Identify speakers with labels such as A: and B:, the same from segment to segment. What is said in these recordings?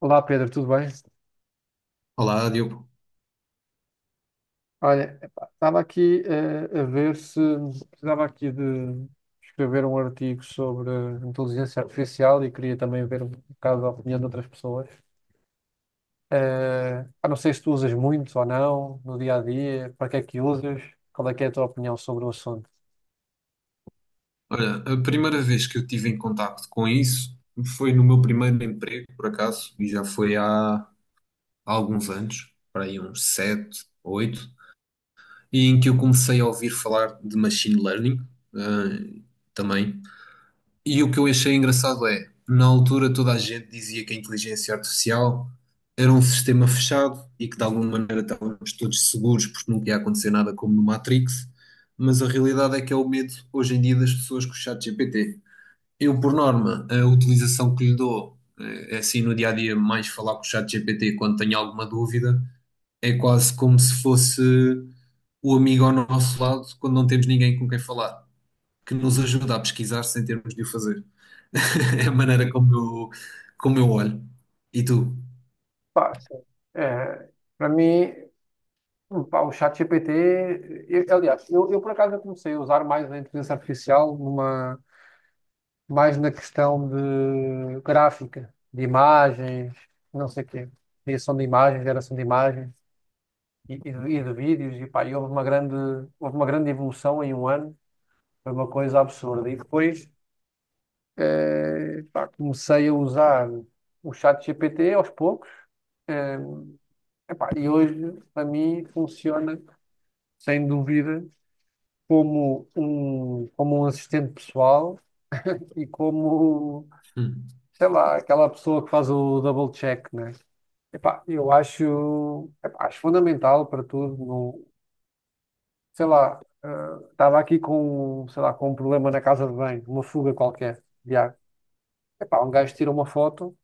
A: Olá Pedro, tudo bem?
B: Olá, Diogo.
A: Olha, epá, estava aqui a ver se precisava aqui de escrever um artigo sobre inteligência artificial e queria também ver um bocado a opinião de outras pessoas. Ah, não sei se tu usas muito ou não no dia a dia, para que é que usas, qual é que é a tua opinião sobre o assunto?
B: Olha, a primeira vez que eu tive em contacto com isso foi no meu primeiro emprego, por acaso, e já foi há alguns anos, para aí uns sete, oito, e em que eu comecei a ouvir falar de machine learning, eh, também. E o que eu achei engraçado é, na altura toda a gente dizia que a inteligência artificial era um sistema fechado e que de alguma maneira estávamos todos seguros porque não ia acontecer nada como no Matrix, mas a realidade é que é o medo hoje em dia das pessoas com o chat GPT. Eu, por norma, a utilização que lhe dou, é assim no dia a dia, mais falar com o chat GPT quando tenho alguma dúvida, é quase como se fosse o amigo ao nosso lado quando não temos ninguém com quem falar, que nos ajuda a pesquisar sem termos de o fazer. É a maneira como eu olho. E tu?
A: Pá, sim. Eh, Para mim, pá, o ChatGPT, aliás, eu por acaso eu comecei a usar mais a inteligência artificial numa mais na questão de gráfica, de imagens, não sei o quê, criação de imagens, geração de imagens e de vídeos, e pá, e houve uma grande evolução em um ano, foi uma coisa absurda. E depois pá, comecei a usar o chat GPT aos poucos, eh, epá, e hoje para mim funciona sem dúvida como um assistente pessoal e como
B: Hum.
A: sei lá, aquela pessoa que faz o double check, né? Epá, eu acho, epá, acho fundamental para tudo. Não, sei lá, ah, estava aqui com, sei lá, com um problema na casa de banho, uma fuga qualquer de água. Epá, um gajo tira uma foto,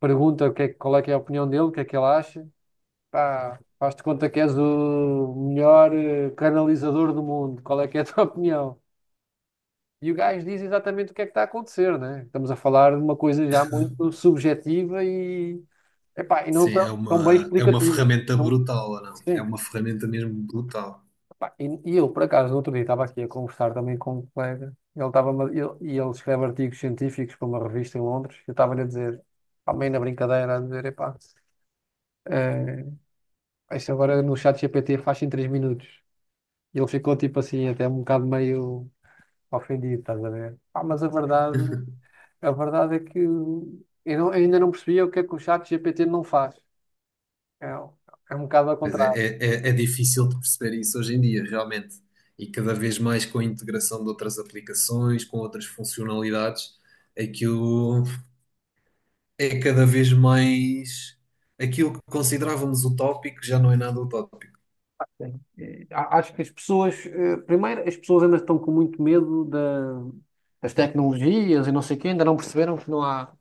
A: pergunta o que é, qual é que é a opinião dele, o que é que ele acha. Pá, faz-te conta que és o melhor canalizador do mundo. Qual é que é a tua opinião? E o gajo diz exatamente o que é que está a acontecer, né? Estamos a falar de uma coisa já muito subjetiva e, epá, e não
B: Sim, é
A: tão bem
B: uma, é uma
A: explicativa.
B: ferramenta
A: Então,
B: brutal, ou não? É
A: sim.
B: uma ferramenta mesmo brutal.
A: Epá, e eu, por acaso, no outro dia estava aqui a conversar também com um colega, e ele escreve artigos científicos para uma revista em Londres, eu estava-lhe a dizer, pá, meio na brincadeira, a dizer, epá, eh, isso agora no chat GPT faz em 3 minutos. E ele ficou tipo assim, até um bocado meio ofendido, estás a ver? Pá, mas a verdade. A verdade é que eu não- ainda não percebia o que é que o chat GPT não faz. É, é um bocado ao
B: Pois é,
A: contrário.
B: é, é é difícil de perceber isso hoje em dia, realmente. E cada vez mais com a integração de outras aplicações, com outras funcionalidades, aquilo é cada vez mais. Aquilo que considerávamos utópico já não é nada utópico.
A: Sim. Acho que as pessoas, primeiro, as pessoas ainda estão com muito medo das tecnologias e não sei o quê, ainda não perceberam que não há,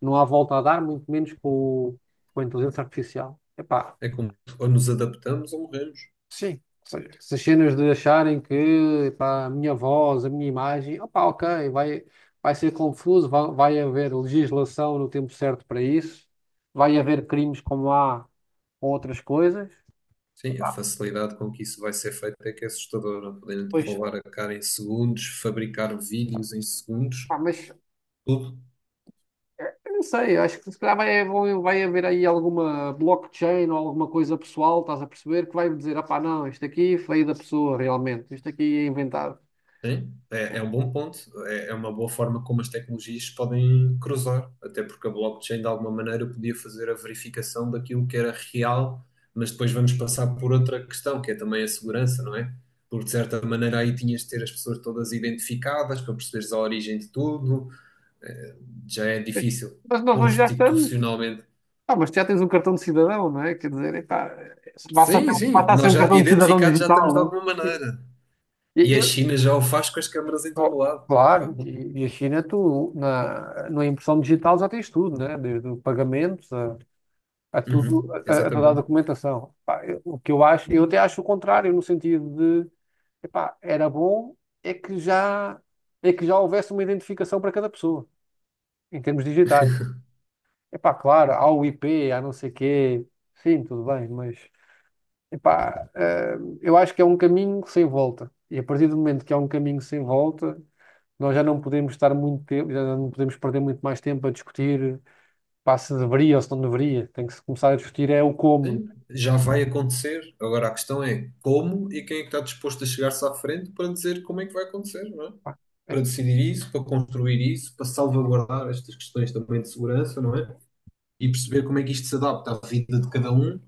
A: não há volta a dar, muito menos com a inteligência artificial. Epá,
B: É como ou nos adaptamos ou morremos.
A: sim, ou seja, essas cenas de acharem que pá, a minha voz, a minha imagem, opá, ok, vai ser confuso, vai haver legislação no tempo certo para isso, vai haver crimes como há com outras coisas.
B: Sim, a facilidade com que isso vai ser feito é que é assustadora. Podem
A: Pois,
B: roubar a cara em segundos, fabricar vídeos em segundos,
A: pá, mas
B: tudo.
A: eu não sei, acho que se calhar vai haver aí alguma blockchain ou alguma coisa pessoal, estás a perceber, que vai dizer, opá, não, isto aqui foi da pessoa realmente, isto aqui é inventado.
B: Sim, é um bom ponto. É, é uma boa forma como as tecnologias podem cruzar, até porque a blockchain de alguma maneira podia fazer a verificação daquilo que era real, mas depois vamos passar por outra questão, que é também a segurança, não é? Porque de certa maneira aí tinhas de ter as pessoas todas identificadas para perceberes a origem de tudo, eh, já é
A: Mas
B: difícil
A: mas nós hoje já estamos.
B: constitucionalmente.
A: Ah, mas tu já tens um cartão de cidadão, não é? Quer dizer, epá,
B: Sim, sim,
A: basta ser
B: nós
A: um
B: já
A: cartão de cidadão
B: identificados já estamos
A: digital,
B: de
A: não
B: alguma
A: é?
B: maneira.
A: E-
B: E a
A: e-
B: China já o faz com as câmaras em todo
A: Oh,
B: lado.
A: claro,
B: Pá.
A: e a China, tu na impressão digital já tens tudo, né? Desde o pagamento a tudo,
B: Uhum,
A: a toda a
B: exatamente.
A: documentação. Pá, o que eu acho, eu até acho o contrário, no sentido de, epá, era bom é que já, é que já houvesse uma identificação para cada pessoa, em termos digitais. Epá, claro, há o IP, há não sei quê, sim, tudo bem, mas. Epá, eu acho que é um caminho sem volta. E a partir do momento que é um caminho sem volta, nós já não podemos estar muito tempo, já não podemos perder muito mais tempo a discutir, pá, se deveria ou se não deveria. Tem que se começar a discutir é o como.
B: Já vai acontecer. Agora a questão é como e quem é que está disposto a chegar-se à frente para dizer como é que vai acontecer, não é?
A: Pá,
B: Para
A: é,
B: decidir isso, para construir isso, para salvaguardar estas questões também de segurança, não é? E perceber como é que isto se adapta à vida de cada um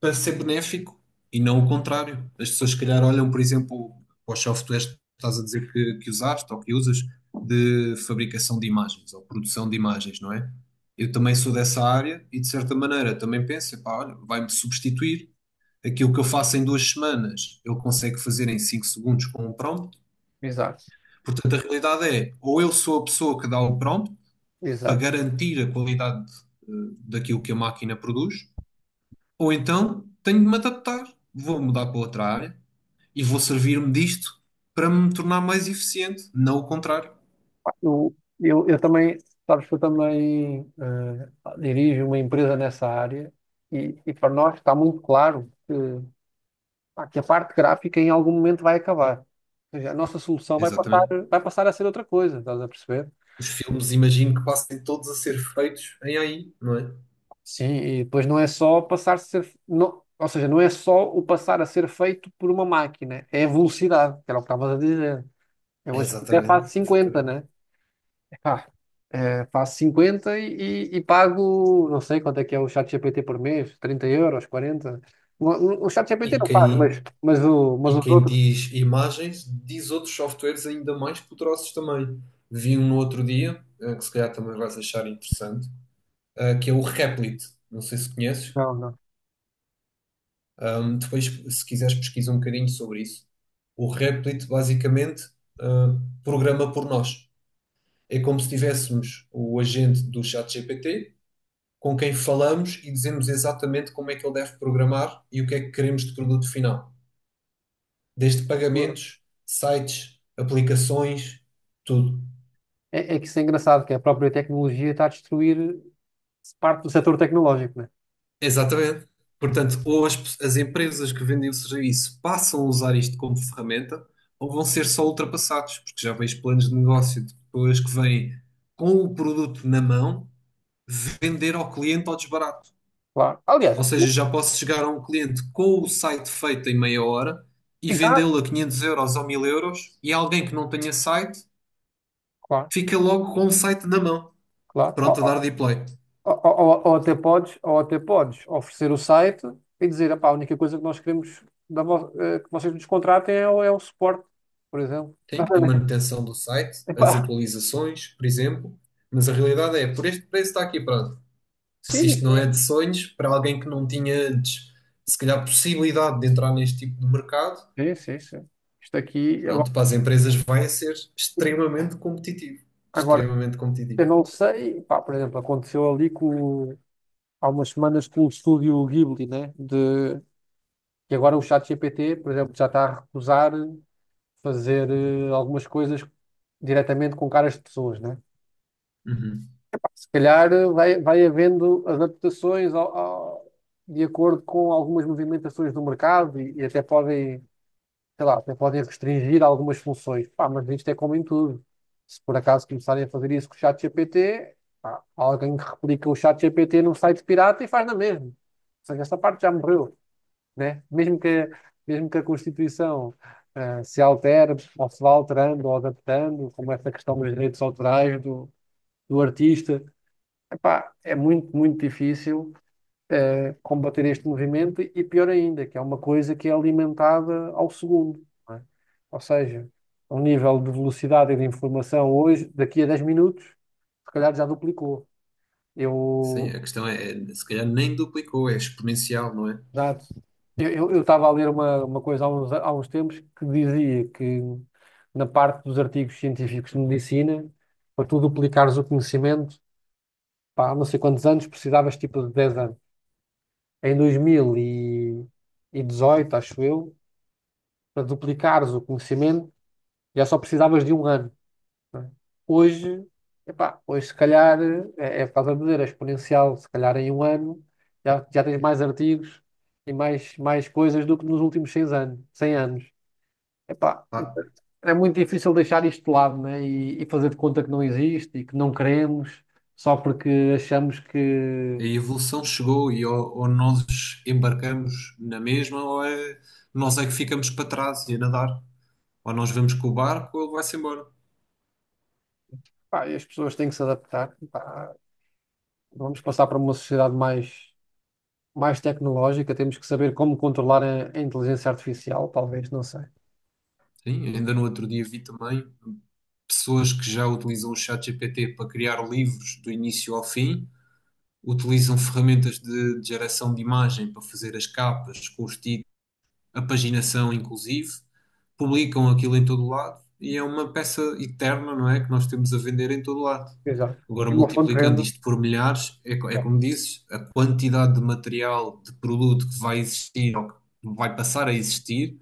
B: para ser benéfico e não o contrário. As pessoas, se calhar, olham, por exemplo, para os softwares que estás a dizer que usaste ou que usas de fabricação de imagens ou produção de imagens, não é? Eu também sou dessa área e, de certa maneira, também penso, pá, olha, vai-me substituir. Aquilo que eu faço em 2 semanas, ele consegue fazer em 5 segundos com um prompt.
A: exato,
B: Portanto, a realidade é, ou eu sou a pessoa que dá o prompt para
A: exato.
B: garantir a qualidade eh, daquilo que a máquina produz, ou então tenho de me adaptar, vou mudar para outra área e vou servir-me disto para me tornar mais eficiente, não o contrário.
A: Pá, Eu também, sabes que eu também dirijo uma empresa nessa área e para nós está muito claro pá, que a parte gráfica em algum momento vai acabar. Ou seja, a nossa solução vai passar,
B: Exatamente.
A: vai passar a ser outra coisa, estás a perceber?
B: Os filmes, imagino que passem todos a ser feitos em AI, não é?
A: Sim, e depois não é só passar a ser, não, ou seja, não é só o passar a ser feito por uma máquina, é a velocidade, que era o que estavas a dizer. Eu hoje até faço
B: Exatamente,
A: 50,
B: exatamente.
A: né? Epá, faço 50 e pago, não sei quanto é que é o ChatGPT por mês, 30 euros, 40. O ChatGPT
B: E
A: não faz,
B: quem,
A: mas
B: E
A: os
B: quem
A: outros,
B: diz imagens, diz outros softwares ainda mais poderosos também. Vi um no outro dia, que se calhar também vais achar interessante, que é o Replit. Não sei se conheces.
A: não,
B: Depois, se quiseres, pesquisa um bocadinho sobre isso. O Replit, basicamente, ah, programa por nós. É como se tivéssemos o agente do ChatGPT com quem falamos e dizemos exatamente como é que ele deve programar e o que é que queremos de produto final. Desde
A: não.
B: pagamentos, sites, aplicações, tudo.
A: É que isso é engraçado, que a própria tecnologia está a destruir parte do setor tecnológico, né?
B: Exatamente. Portanto, ou as empresas que vendem o serviço passam a usar isto como ferramenta, ou vão ser só ultrapassados, porque já vejo planos de negócio de pessoas que vêm com o produto na mão vender ao cliente ao desbarato.
A: Claro.
B: Ou
A: Aliás, tu,
B: seja, já posso chegar a um cliente com o site feito em meia hora e
A: já,
B: vendê-lo a 500 € ou 1000 euros, e alguém que não tenha site
A: claro,
B: fica logo com o site na mão,
A: claro.
B: pronto a dar de play.
A: Ou até podes oferecer o site e dizer, "Epá, a única coisa que nós queremos que vocês nos contratem é o suporte, por exemplo.
B: Tem a manutenção do site, as
A: Epá,
B: atualizações, por exemplo, mas a realidade é, por este preço está aqui, pronto. Se
A: sim,
B: isto não é
A: sim,
B: de sonhos, para alguém que não tinha antes, se calhar, possibilidade de entrar neste tipo de mercado,
A: sim, sim, sim. Isto aqui,
B: pronto, para
A: agora,
B: as empresas vai ser extremamente competitivo.
A: agora,
B: Extremamente
A: eu
B: competitivo.
A: não sei, pá, por exemplo, aconteceu ali há umas semanas com o estúdio Ghibli, né? de E agora o chat GPT, por exemplo, já está a recusar fazer algumas coisas diretamente com caras de pessoas, né?
B: Uhum.
A: Se calhar vai havendo adaptações de acordo com algumas movimentações do mercado e até podem, sei lá, até podem restringir algumas funções. Pá, mas isto é como em tudo. Se por acaso começarem a fazer isso com o chat GPT, pá, alguém que replica o chat GPT num site pirata e faz na mesma. Ou seja, esta parte já morreu, né? Mesmo que a Constituição se altere, ou se vá alterando ou adaptando, como essa questão dos direitos autorais do artista, epá, é muito, muito difícil combater este movimento e pior ainda, que é uma coisa que é alimentada ao segundo, não é? Ou seja, o nível de velocidade e de informação hoje, daqui a 10 minutos, se calhar já duplicou.
B: Sim,
A: Eu,
B: a questão é, se calhar nem duplicou, é exponencial, não é?
A: Exato. Estava a ler uma coisa há uns tempos que dizia que na parte dos artigos científicos de medicina, para tu duplicares o conhecimento, pá, há não sei quantos anos, precisavas tipo de 10 anos. Em 2018 acho eu, para duplicares o conhecimento, já só precisavas de um ano, não é? Hoje, epá, hoje se calhar, é por causa de dizer, é exponencial, se calhar em um ano já tens mais artigos e mais, mais coisas do que nos últimos 100 anos, 100 anos. Epá,
B: Pá,
A: é muito difícil deixar isto de lado, né? E fazer de conta que não existe e que não queremos só porque achamos que
B: a evolução chegou e ou nós embarcamos na mesma ou nós é que ficamos para trás e a nadar. Ou nós vamos com o barco ou ele vai-se embora.
A: pá, as pessoas têm que se adaptar. Pá, vamos passar para uma sociedade mais, mais tecnológica, temos que saber como controlar a inteligência artificial, talvez, não sei.
B: Sim, ainda no outro dia vi também pessoas que já utilizam o ChatGPT para criar livros do início ao fim, utilizam ferramentas de geração de imagem para fazer as capas, com os títulos, a paginação inclusive, publicam aquilo em todo lado e é uma peça eterna, não é? Que nós temos a vender em todo lado.
A: Exato.
B: Agora,
A: E uma fonte de
B: multiplicando
A: renda.
B: isto por milhares, é como dizes, a quantidade de material, de produto que vai existir ou que vai passar a existir.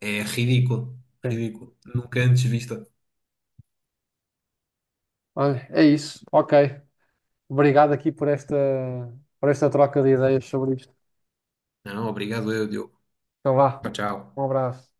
B: É ridículo,
A: Sim.
B: ridículo. Nunca antes vista.
A: Olha, é isso. Ok. Obrigado aqui por esta troca de ideias sobre isto.
B: Não, obrigado eu, Diogo.
A: Então vá.
B: Tchau, tchau.
A: Um abraço.